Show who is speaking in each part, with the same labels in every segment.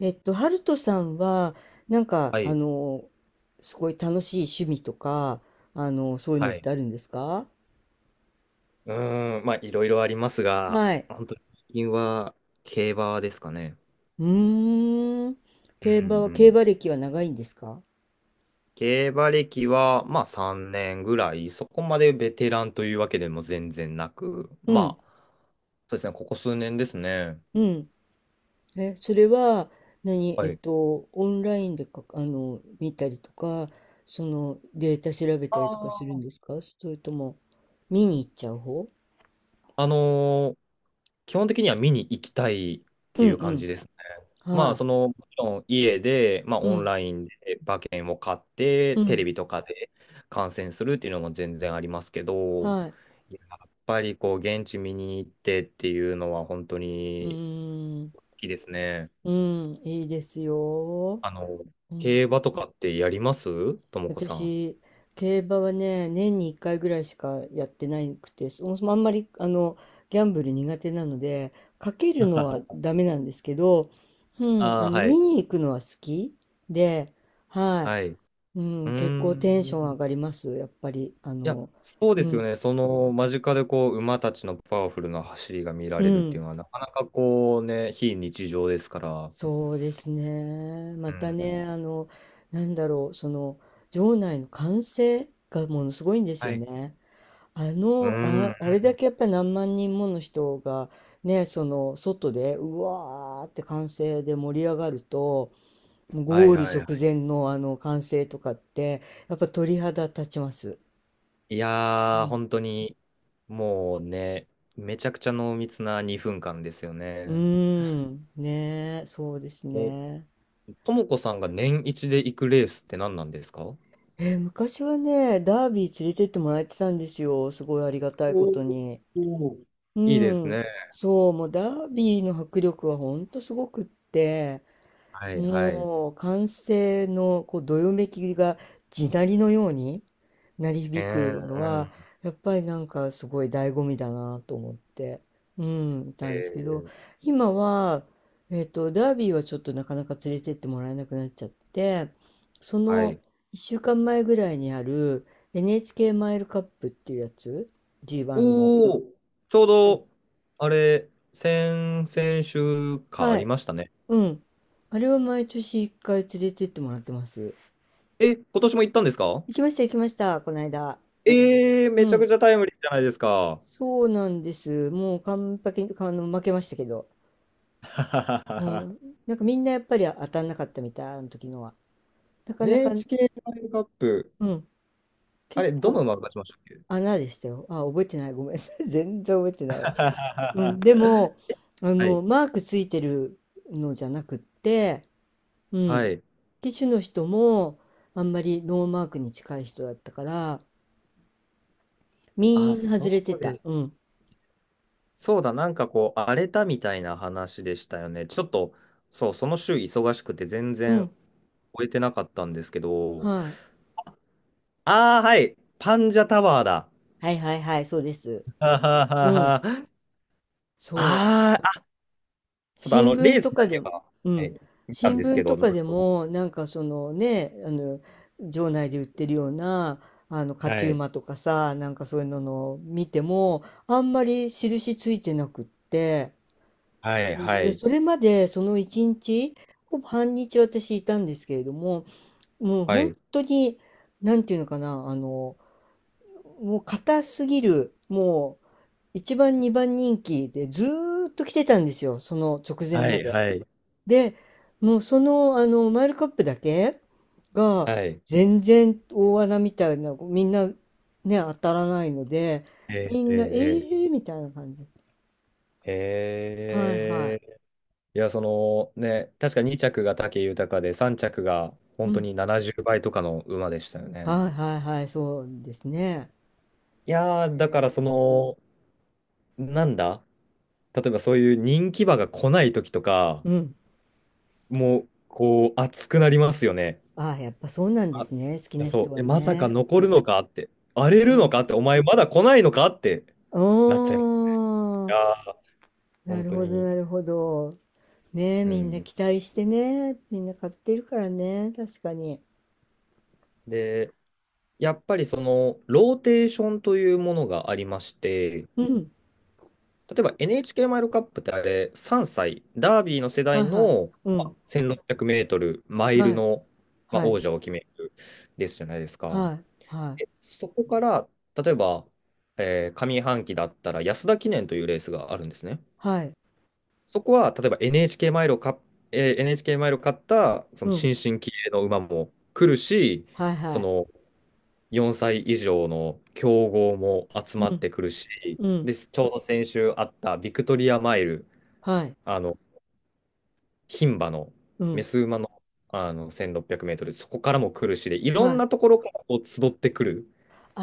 Speaker 1: ハルトさんは、なんか、
Speaker 2: は
Speaker 1: あ
Speaker 2: い。
Speaker 1: の、すごい楽しい趣味とか、そういう
Speaker 2: は
Speaker 1: のっ
Speaker 2: い。
Speaker 1: てあるんですか？
Speaker 2: うーん、まあ、いろいろありますが、
Speaker 1: はい。
Speaker 2: 本当に最近は競馬ですかね。
Speaker 1: うーん。
Speaker 2: うんう
Speaker 1: 競
Speaker 2: ん。
Speaker 1: 馬歴は長いんですか？
Speaker 2: 競馬歴は、まあ、3年ぐらい、そこまでベテランというわけでも全然なく、
Speaker 1: うん、
Speaker 2: まあ、そうですね、ここ数年ですね。
Speaker 1: うん。え、それは、何、
Speaker 2: はい。
Speaker 1: オンラインでか、見たりとか、データ調べ
Speaker 2: あ
Speaker 1: たりとかするん
Speaker 2: ー
Speaker 1: ですか？それとも、見に行っちゃう方？
Speaker 2: あの基本的には見に行きたいっ
Speaker 1: う
Speaker 2: て
Speaker 1: ん、
Speaker 2: いう感
Speaker 1: う
Speaker 2: じですね。
Speaker 1: ん。
Speaker 2: ま
Speaker 1: は
Speaker 2: あ、
Speaker 1: い。
Speaker 2: その、もちろん家で、まあ、
Speaker 1: う
Speaker 2: オン
Speaker 1: ん、
Speaker 2: ラインで馬券を買って、
Speaker 1: う
Speaker 2: テレ
Speaker 1: ん。
Speaker 2: ビとかで観戦するっていうのも全然ありますけど、
Speaker 1: はい。
Speaker 2: やっぱりこう、現地見に行ってっていうのは本当
Speaker 1: う
Speaker 2: に
Speaker 1: ーん。
Speaker 2: 好きですね。
Speaker 1: うん、いいですよ。
Speaker 2: あの、
Speaker 1: うん、
Speaker 2: 競馬とかってやりますともこさん？
Speaker 1: 私、競馬はね、年に1回ぐらいしかやってなくて、そもそもあんまり、ギャンブル苦手なので、かけるのは ダメなんですけど、うん、
Speaker 2: ああ、は
Speaker 1: 見
Speaker 2: い。
Speaker 1: に行くのは好きで、はい、
Speaker 2: はい。う
Speaker 1: う
Speaker 2: ー
Speaker 1: ん、結構テンション上
Speaker 2: ん。
Speaker 1: がります、やっぱり、
Speaker 2: いや、そう
Speaker 1: う
Speaker 2: ですよ
Speaker 1: ん、
Speaker 2: ね。その間近でこう馬たちのパワフルな走りが見ら
Speaker 1: う
Speaker 2: れるっていう
Speaker 1: ん、
Speaker 2: のは、なかなかこうね、非日常ですから。
Speaker 1: そうですね。ま
Speaker 2: う
Speaker 1: た
Speaker 2: ん。
Speaker 1: ね、なんだろう、場内の歓声がものすごいんです
Speaker 2: は
Speaker 1: よ
Speaker 2: い。
Speaker 1: ね。
Speaker 2: うん。
Speaker 1: あれだけやっぱり何万人もの人がね、その外でうわーって歓声で盛り上がると、
Speaker 2: は
Speaker 1: ゴ
Speaker 2: い
Speaker 1: ール
Speaker 2: はいは
Speaker 1: 直
Speaker 2: い。
Speaker 1: 前のあの歓声とかって、やっぱ鳥肌立ちます。
Speaker 2: いや
Speaker 1: う
Speaker 2: ー、
Speaker 1: ん、
Speaker 2: 本当に、もうね、めちゃくちゃ濃密な2分間ですよ
Speaker 1: うー
Speaker 2: ね。
Speaker 1: ん、ねえ、そうです
Speaker 2: お、
Speaker 1: ね。
Speaker 2: ともこさんが年一で行くレースって何なんですか？お
Speaker 1: 昔はね、ダービー連れてってもらえてたんですよ。すごいありがたいこ
Speaker 2: お
Speaker 1: とに。
Speaker 2: ー。
Speaker 1: う
Speaker 2: いいです
Speaker 1: ん、
Speaker 2: ね。
Speaker 1: そう、もうダービーの迫力はほんとすごくって、
Speaker 2: はいはい。
Speaker 1: もう歓声のこうどよめきが地鳴りのように鳴り響くの
Speaker 2: う
Speaker 1: は
Speaker 2: ん。
Speaker 1: やっぱりなんかすごい醍醐味だなと思って、うん、い
Speaker 2: え
Speaker 1: たんですけど
Speaker 2: ー、
Speaker 1: 今は、ダービーはちょっとなかなか連れてってもらえなくなっちゃって、そ
Speaker 2: は
Speaker 1: の
Speaker 2: い。
Speaker 1: 1週間前ぐらいにある NHK マイルカップっていうやつ、 G1 の。
Speaker 2: おお、ちょう
Speaker 1: うん。
Speaker 2: ど、あれ、先々週かあ
Speaker 1: は
Speaker 2: り
Speaker 1: い。
Speaker 2: ましたね。
Speaker 1: うん。あれは毎年1回連れてってもらってます。
Speaker 2: え、今年も行ったんですか？
Speaker 1: 行きました、行きました、この間。
Speaker 2: えー、
Speaker 1: う
Speaker 2: めちゃく
Speaker 1: ん。
Speaker 2: ちゃタイムリーじゃないですか。
Speaker 1: そうなんです。もう完璧に、負けましたけど。うん。なんかみんなやっぱり当たんなかったみたい、あの時のは。なかなか、
Speaker 2: NHK ワイチケーワールドカップ、
Speaker 1: うん。
Speaker 2: あ
Speaker 1: 結
Speaker 2: れ、どの
Speaker 1: 構
Speaker 2: 馬が勝ちましたっけ？
Speaker 1: 穴でしたよ。あ、覚えてない。ごめんなさい。全然覚えて
Speaker 2: は
Speaker 1: ないわ。
Speaker 2: は
Speaker 1: う
Speaker 2: はは
Speaker 1: ん。で も、
Speaker 2: はい。
Speaker 1: マークついてるのじゃなくって、う
Speaker 2: は
Speaker 1: ん。
Speaker 2: い。
Speaker 1: 機種の人も、あんまりノーマークに近い人だったから、
Speaker 2: あ、
Speaker 1: みんな外れ
Speaker 2: そ
Speaker 1: て
Speaker 2: う
Speaker 1: た。
Speaker 2: で、
Speaker 1: うん。
Speaker 2: そうだ、なんかこう、荒れたみたいな話でしたよね。ちょっと、そう、その週忙しくて全
Speaker 1: うん。
Speaker 2: 然終えてなかったんですけど、
Speaker 1: はい。
Speaker 2: ああ、はい、パンジャタワーだ。
Speaker 1: はいはいはい、そうです。
Speaker 2: はは
Speaker 1: うん、
Speaker 2: はは。
Speaker 1: そう。
Speaker 2: あーあ、ちょっとあ
Speaker 1: 新
Speaker 2: の、レ
Speaker 1: 聞
Speaker 2: ー
Speaker 1: と
Speaker 2: スだ
Speaker 1: かで
Speaker 2: け
Speaker 1: も、
Speaker 2: は、
Speaker 1: う
Speaker 2: は
Speaker 1: ん。
Speaker 2: い、見たん
Speaker 1: 新
Speaker 2: ですけ
Speaker 1: 聞
Speaker 2: ど、
Speaker 1: と
Speaker 2: は
Speaker 1: かでも、なんかそのね、場内で売ってるような、勝ち
Speaker 2: い、
Speaker 1: 馬とかさ、なんかそういうののを見ても、あんまり印ついてなくって、
Speaker 2: はい、
Speaker 1: そう、
Speaker 2: は
Speaker 1: で
Speaker 2: い、
Speaker 1: それまでその一日、ほぼ半日私いたんですけれども、もう
Speaker 2: は
Speaker 1: 本
Speaker 2: い、
Speaker 1: 当に、なんていうのかな、もう硬すぎる、もう、一番二番人気でずーっと来てたんですよ、その直前
Speaker 2: は
Speaker 1: ま
Speaker 2: い、
Speaker 1: で。
Speaker 2: はい、
Speaker 1: で、もうマイルカップだけが
Speaker 2: はい。
Speaker 1: 全然大穴みたいな、みんなね、当たらないので、
Speaker 2: えー、
Speaker 1: み
Speaker 2: えー、
Speaker 1: んな、え
Speaker 2: えー
Speaker 1: ーみたいな感じ。はいは
Speaker 2: えーいや、そのね、確か2着が武豊で、3着が
Speaker 1: い。う
Speaker 2: 本当
Speaker 1: ん。
Speaker 2: に70倍とかの馬でしたよね。
Speaker 1: はいはいはい、そうですね。
Speaker 2: いやー、
Speaker 1: え
Speaker 2: だから
Speaker 1: ー
Speaker 2: その、なんだ例えばそういう人気馬が来ない時とか、
Speaker 1: うん。
Speaker 2: もう、こう、熱くなりますよね。
Speaker 1: ああ、やっぱそうなんで
Speaker 2: あ、い
Speaker 1: すね、好き
Speaker 2: や、
Speaker 1: な人
Speaker 2: そう。
Speaker 1: は
Speaker 2: え、まさか
Speaker 1: ね。
Speaker 2: 残るのかって、荒れ
Speaker 1: う
Speaker 2: るの
Speaker 1: ん。
Speaker 2: かって、お前まだ来ないのかって
Speaker 1: お
Speaker 2: なっちゃいます。い
Speaker 1: ー、
Speaker 2: やー、
Speaker 1: な
Speaker 2: 本
Speaker 1: る
Speaker 2: 当
Speaker 1: ほど
Speaker 2: に。
Speaker 1: なるほど。ねえ、
Speaker 2: う
Speaker 1: みんな
Speaker 2: ん。
Speaker 1: 期待してね。みんな買ってるからね。確かに。
Speaker 2: で、やっぱりその、ローテーションというものがありまして、
Speaker 1: うん。
Speaker 2: 例えば NHK マイルカップってあれ、3歳、ダービーの世
Speaker 1: は
Speaker 2: 代
Speaker 1: いはい。
Speaker 2: の、
Speaker 1: う
Speaker 2: ま
Speaker 1: ん。
Speaker 2: あ、1600メートル、マイル
Speaker 1: はい。
Speaker 2: の、まあ、
Speaker 1: はい。
Speaker 2: 王者を決めるですじゃないですか。
Speaker 1: はい。は
Speaker 2: で
Speaker 1: い。
Speaker 2: そこから、例えば、上半期だったら安田記念というレースがあるんですね。
Speaker 1: はい。
Speaker 2: そこは、例えば NHK マイルを買った、その
Speaker 1: うん。
Speaker 2: 新進気鋭の馬も来るし、
Speaker 1: はいは
Speaker 2: そ
Speaker 1: い。
Speaker 2: の4歳以上の競合も集
Speaker 1: う
Speaker 2: まっ
Speaker 1: ん。
Speaker 2: てくるし、
Speaker 1: うん。
Speaker 2: で、ちょうど先週あったビクトリアマイル、
Speaker 1: はい。
Speaker 2: あの、牝馬の、
Speaker 1: う
Speaker 2: メ
Speaker 1: ん。
Speaker 2: ス馬の、あの、1600メートル、そこからも来るしで、いろ
Speaker 1: は
Speaker 2: ん
Speaker 1: い。
Speaker 2: なところからこう集ってくる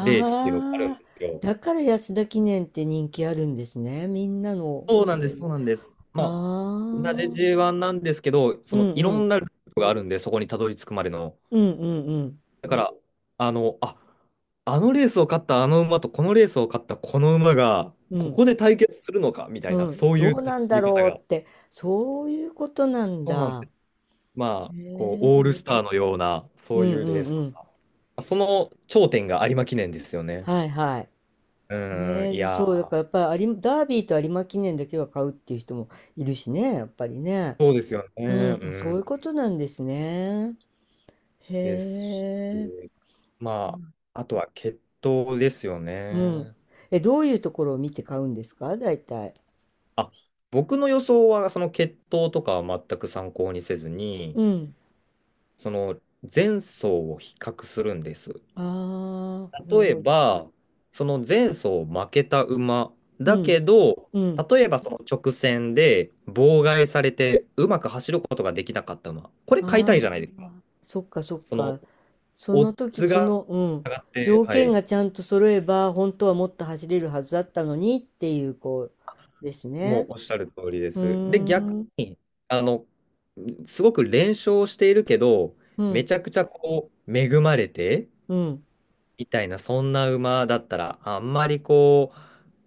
Speaker 2: レースっていうのがあるん
Speaker 1: あ、
Speaker 2: ですよ。
Speaker 1: だから安田記念って人気あるんですね。みんなの、
Speaker 2: そう
Speaker 1: そ
Speaker 2: なんで
Speaker 1: う
Speaker 2: す、
Speaker 1: い
Speaker 2: そう
Speaker 1: う。
Speaker 2: なんです。まあ、
Speaker 1: あ
Speaker 2: 同じ
Speaker 1: あ。
Speaker 2: J1 なんですけど、そ
Speaker 1: う
Speaker 2: の
Speaker 1: ん
Speaker 2: い
Speaker 1: う
Speaker 2: ろん
Speaker 1: ん。
Speaker 2: なルートがあるんで、そこにたどり着くまでの。
Speaker 1: うんうんうん。
Speaker 2: だから、あの、あ、あのレースを勝ったあの馬とこのレースを勝ったこの馬が、
Speaker 1: う
Speaker 2: こ
Speaker 1: ん。
Speaker 2: こで対決するのかみた
Speaker 1: う
Speaker 2: いな、
Speaker 1: ん。
Speaker 2: そう
Speaker 1: ど
Speaker 2: いう
Speaker 1: うな
Speaker 2: 楽
Speaker 1: ん
Speaker 2: し
Speaker 1: だ
Speaker 2: み方
Speaker 1: ろう
Speaker 2: が。
Speaker 1: って。そういうことなん
Speaker 2: そうなんで
Speaker 1: だ。
Speaker 2: す。ま
Speaker 1: へ
Speaker 2: あ、こう、オー
Speaker 1: え。
Speaker 2: ルスターのような、
Speaker 1: う
Speaker 2: そうい
Speaker 1: ん
Speaker 2: う
Speaker 1: う
Speaker 2: レー
Speaker 1: ん
Speaker 2: ス
Speaker 1: う
Speaker 2: と
Speaker 1: ん。
Speaker 2: か。その頂点が有馬記念ですよね。
Speaker 1: はいはい。
Speaker 2: うん、
Speaker 1: ねえ、
Speaker 2: い
Speaker 1: で
Speaker 2: や
Speaker 1: そう、だか
Speaker 2: ー、
Speaker 1: らやっぱり有馬、ダービーと有馬記念だけは買うっていう人もいるしね、やっぱりね。
Speaker 2: そうですよね。
Speaker 1: うん、
Speaker 2: う
Speaker 1: そう
Speaker 2: ん、
Speaker 1: いうことなんですね。へ
Speaker 2: です
Speaker 1: え。
Speaker 2: し、まあ、あとは決闘ですよ
Speaker 1: うん。
Speaker 2: ね。
Speaker 1: え、どういうところを見て買うんですか、大体？
Speaker 2: あ、僕の予想は、その決闘とかは全く参考にせずに、
Speaker 1: うん。
Speaker 2: その前走を比較するんです。
Speaker 1: ああ、なる
Speaker 2: 例え
Speaker 1: ほど。
Speaker 2: ば、その前走負けた馬
Speaker 1: う
Speaker 2: だ
Speaker 1: ん。
Speaker 2: けど、
Speaker 1: うん。
Speaker 2: 例えばその直線で妨害されてうまく走ることができなかった馬、これ買いた
Speaker 1: あ
Speaker 2: い
Speaker 1: あ、
Speaker 2: じゃないですか。
Speaker 1: そっかそっ
Speaker 2: その
Speaker 1: か。そ
Speaker 2: オ
Speaker 1: の
Speaker 2: ッ
Speaker 1: 時、
Speaker 2: ズが
Speaker 1: うん。
Speaker 2: 上がって、
Speaker 1: 条
Speaker 2: は
Speaker 1: 件
Speaker 2: い、
Speaker 1: がちゃんと揃えば、本当はもっと走れるはずだったのにっていう、こう、です
Speaker 2: もう
Speaker 1: ね。
Speaker 2: おっしゃる通りで
Speaker 1: う
Speaker 2: す。で、
Speaker 1: ー
Speaker 2: 逆
Speaker 1: ん。
Speaker 2: に、あの、すごく連勝しているけど、
Speaker 1: う
Speaker 2: め
Speaker 1: ん、
Speaker 2: ちゃくちゃこう恵まれて、
Speaker 1: うん、
Speaker 2: みたいな、そんな馬だったら、あんまりこう、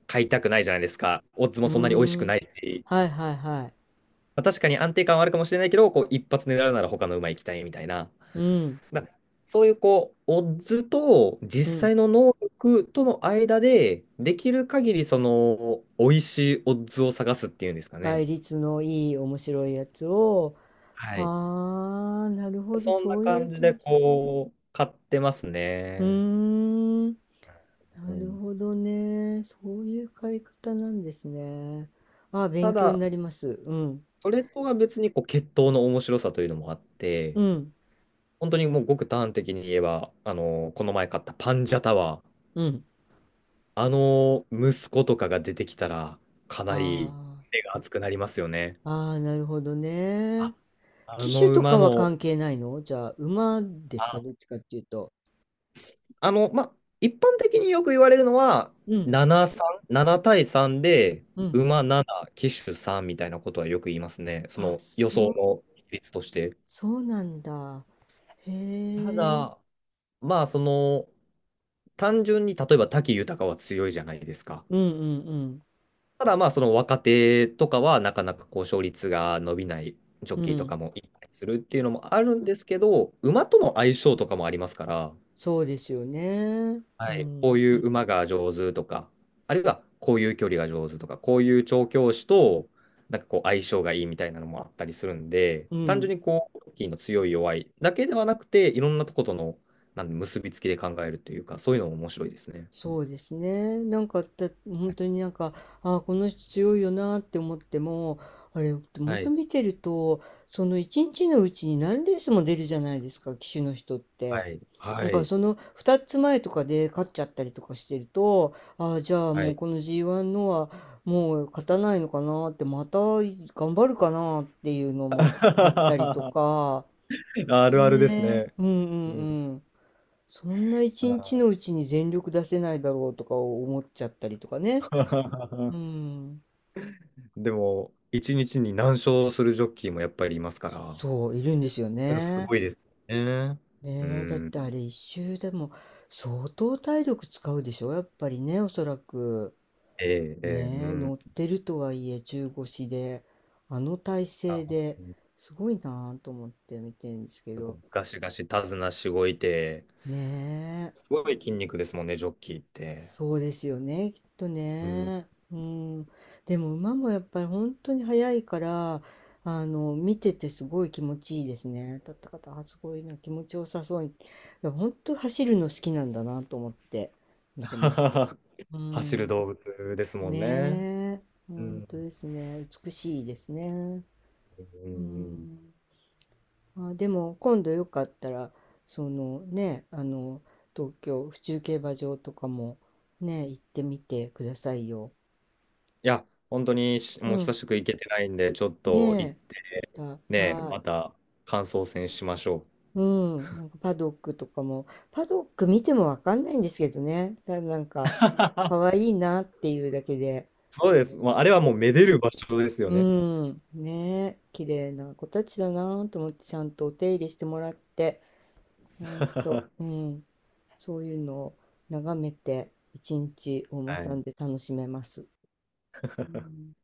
Speaker 2: 買いたくないじゃないですか。オッズも
Speaker 1: う
Speaker 2: そんなに美味し
Speaker 1: ー
Speaker 2: く
Speaker 1: ん。
Speaker 2: ないし、
Speaker 1: はいはいはい。
Speaker 2: まあ、確かに安定感はあるかもしれないけど、こう、一発狙うなら他の馬行きたいみたいな。
Speaker 1: うん、
Speaker 2: だそういう、こう、オッズと
Speaker 1: う
Speaker 2: 実
Speaker 1: ん。
Speaker 2: 際の能力との間で、できる限り、その、美味しいオッズを探すっていうんですかね。
Speaker 1: 倍率のいい面白いやつを。
Speaker 2: はい。
Speaker 1: はあ、なるほど、
Speaker 2: そんな
Speaker 1: そういう
Speaker 2: 感
Speaker 1: 楽
Speaker 2: じで、
Speaker 1: し
Speaker 2: こう、買ってます
Speaker 1: み。う
Speaker 2: ね。
Speaker 1: ーん、
Speaker 2: う
Speaker 1: なる
Speaker 2: ん。
Speaker 1: ほどね。そういう買い方なんですね。あ、
Speaker 2: た
Speaker 1: 勉強に
Speaker 2: だ、
Speaker 1: なります。うん、
Speaker 2: それとは別に、こう、血統の面白さというのもあっ
Speaker 1: う
Speaker 2: て、
Speaker 1: ん、
Speaker 2: 本当にもうごく端的に言えば、あの、この前買ったパンジャタワー、
Speaker 1: うん。
Speaker 2: あの息子とかが出てきたら、かなり
Speaker 1: あ
Speaker 2: 目が熱くなりますよね。
Speaker 1: あ、ああ、なるほどね。
Speaker 2: あ、あ
Speaker 1: 機種
Speaker 2: の
Speaker 1: とか
Speaker 2: 馬
Speaker 1: は関
Speaker 2: の、
Speaker 1: 係ないの？じゃあ、馬ですか、
Speaker 2: あ、
Speaker 1: どっちかっていうと。
Speaker 2: あの、ま、一般的によく言われるのは、
Speaker 1: うん、
Speaker 2: 7、3、7対3で、
Speaker 1: うん。
Speaker 2: 馬7、騎手3みたいなことはよく言いますね。そ
Speaker 1: あ、
Speaker 2: の予
Speaker 1: そ
Speaker 2: 想
Speaker 1: う
Speaker 2: の比率として。
Speaker 1: そうなんだ。
Speaker 2: た
Speaker 1: へえ。
Speaker 2: だ、まあ、その、単純に例えば武豊は強いじゃないですか。
Speaker 1: うんうん
Speaker 2: ただまあその若手とかはなかなかこう勝率が伸びないジョッ
Speaker 1: うん。う
Speaker 2: キーと
Speaker 1: ん。
Speaker 2: かもいっぱいするっていうのもあるんですけど、馬との相性とかもありますから、
Speaker 1: そうですよね。
Speaker 2: は
Speaker 1: う
Speaker 2: い、こ
Speaker 1: ん。
Speaker 2: ういう馬が上手とか、あるいはこういう距離が上手とか、こういう調教師となんかこう相性がいいみたいなのもあったりするんで、
Speaker 1: う
Speaker 2: 単
Speaker 1: ん。
Speaker 2: 純にこう、ジョッキーの強い弱いだけではなくて、いろんなとことのなんで結びつきで考えるというか、そういうのも面白いですね。
Speaker 1: そうですね。なんかだ本当になんか、ああ、この人強いよなって思っても、あれ、本
Speaker 2: は
Speaker 1: 当
Speaker 2: い。
Speaker 1: 見てると、その一日のうちに何レースも出るじゃないですか、騎手の人って。
Speaker 2: はい。
Speaker 1: な
Speaker 2: は
Speaker 1: んか
Speaker 2: い。
Speaker 1: その2つ前とかで勝っちゃったりとかしてると、ああ、じゃあ
Speaker 2: はい。
Speaker 1: も
Speaker 2: は
Speaker 1: う
Speaker 2: い
Speaker 1: この G1 のはもう勝たないのかなって、また頑張るかなっていうのもあったりと か、
Speaker 2: あるあるです
Speaker 1: ね
Speaker 2: ね。
Speaker 1: え、うんう
Speaker 2: うん。
Speaker 1: んうん。そんな一日のう
Speaker 2: あ
Speaker 1: ちに全力出せないだろうとか思っちゃったりとかね。う
Speaker 2: ー
Speaker 1: ん。
Speaker 2: でも、一日に何勝するジョッキーもやっぱりいますから、
Speaker 1: そう、いるんですよ
Speaker 2: それす
Speaker 1: ね。
Speaker 2: ごいですね。う
Speaker 1: ねえ、だってあれ
Speaker 2: ん。
Speaker 1: 一周でも相当体力使うでしょ、やっぱりね、おそらく。
Speaker 2: ええ、ええ、う
Speaker 1: ねえ、
Speaker 2: ん。
Speaker 1: 乗ってるとはいえ中腰で、あの体
Speaker 2: あ、
Speaker 1: 勢
Speaker 2: 本
Speaker 1: で
Speaker 2: 当に
Speaker 1: すごいなぁと思って見てるんですけど。
Speaker 2: ガシガシ手綱しごいて、
Speaker 1: ね、
Speaker 2: すごい筋肉ですもんね、ジョッキーって。
Speaker 1: そうですよね、きっと
Speaker 2: うん。
Speaker 1: ね。うん。でも馬もやっぱり本当に速いから、見ててすごい気持ちいいですね。立った方、あすごいな、気持ちよさそうに。いや、本当走るの好きなんだなと思って見てますけど。う
Speaker 2: 走る
Speaker 1: ん。
Speaker 2: 動物ですもんね。
Speaker 1: ねえ、
Speaker 2: う
Speaker 1: 本当
Speaker 2: ん。
Speaker 1: ですね。美しいですね。
Speaker 2: うんう
Speaker 1: う
Speaker 2: ん
Speaker 1: ん。あ、でも今度よかったらそのねあの東京府中競馬場とかもね、行ってみてくださいよ。
Speaker 2: いや、本当に
Speaker 1: う
Speaker 2: もう久
Speaker 1: ん、
Speaker 2: しく行けてないんで、ちょっ
Speaker 1: ね
Speaker 2: と行っ
Speaker 1: え。
Speaker 2: てね、
Speaker 1: は
Speaker 2: また感想戦しましょう。
Speaker 1: い、うん、なんかパドック見てもわかんないんですけどね、ただなんか可 愛いいなっていうだけで。
Speaker 2: そうです。まあ、あれはもう
Speaker 1: そ
Speaker 2: めでる場所ですよ
Speaker 1: う、
Speaker 2: ね。
Speaker 1: うん、ねえ、綺麗な子たちだなと思って、ちゃんとお手入れしてもらって。ほんと、う ん。そういうのを眺めて、一日お馬
Speaker 2: は
Speaker 1: さ
Speaker 2: い。
Speaker 1: んで楽しめます。うん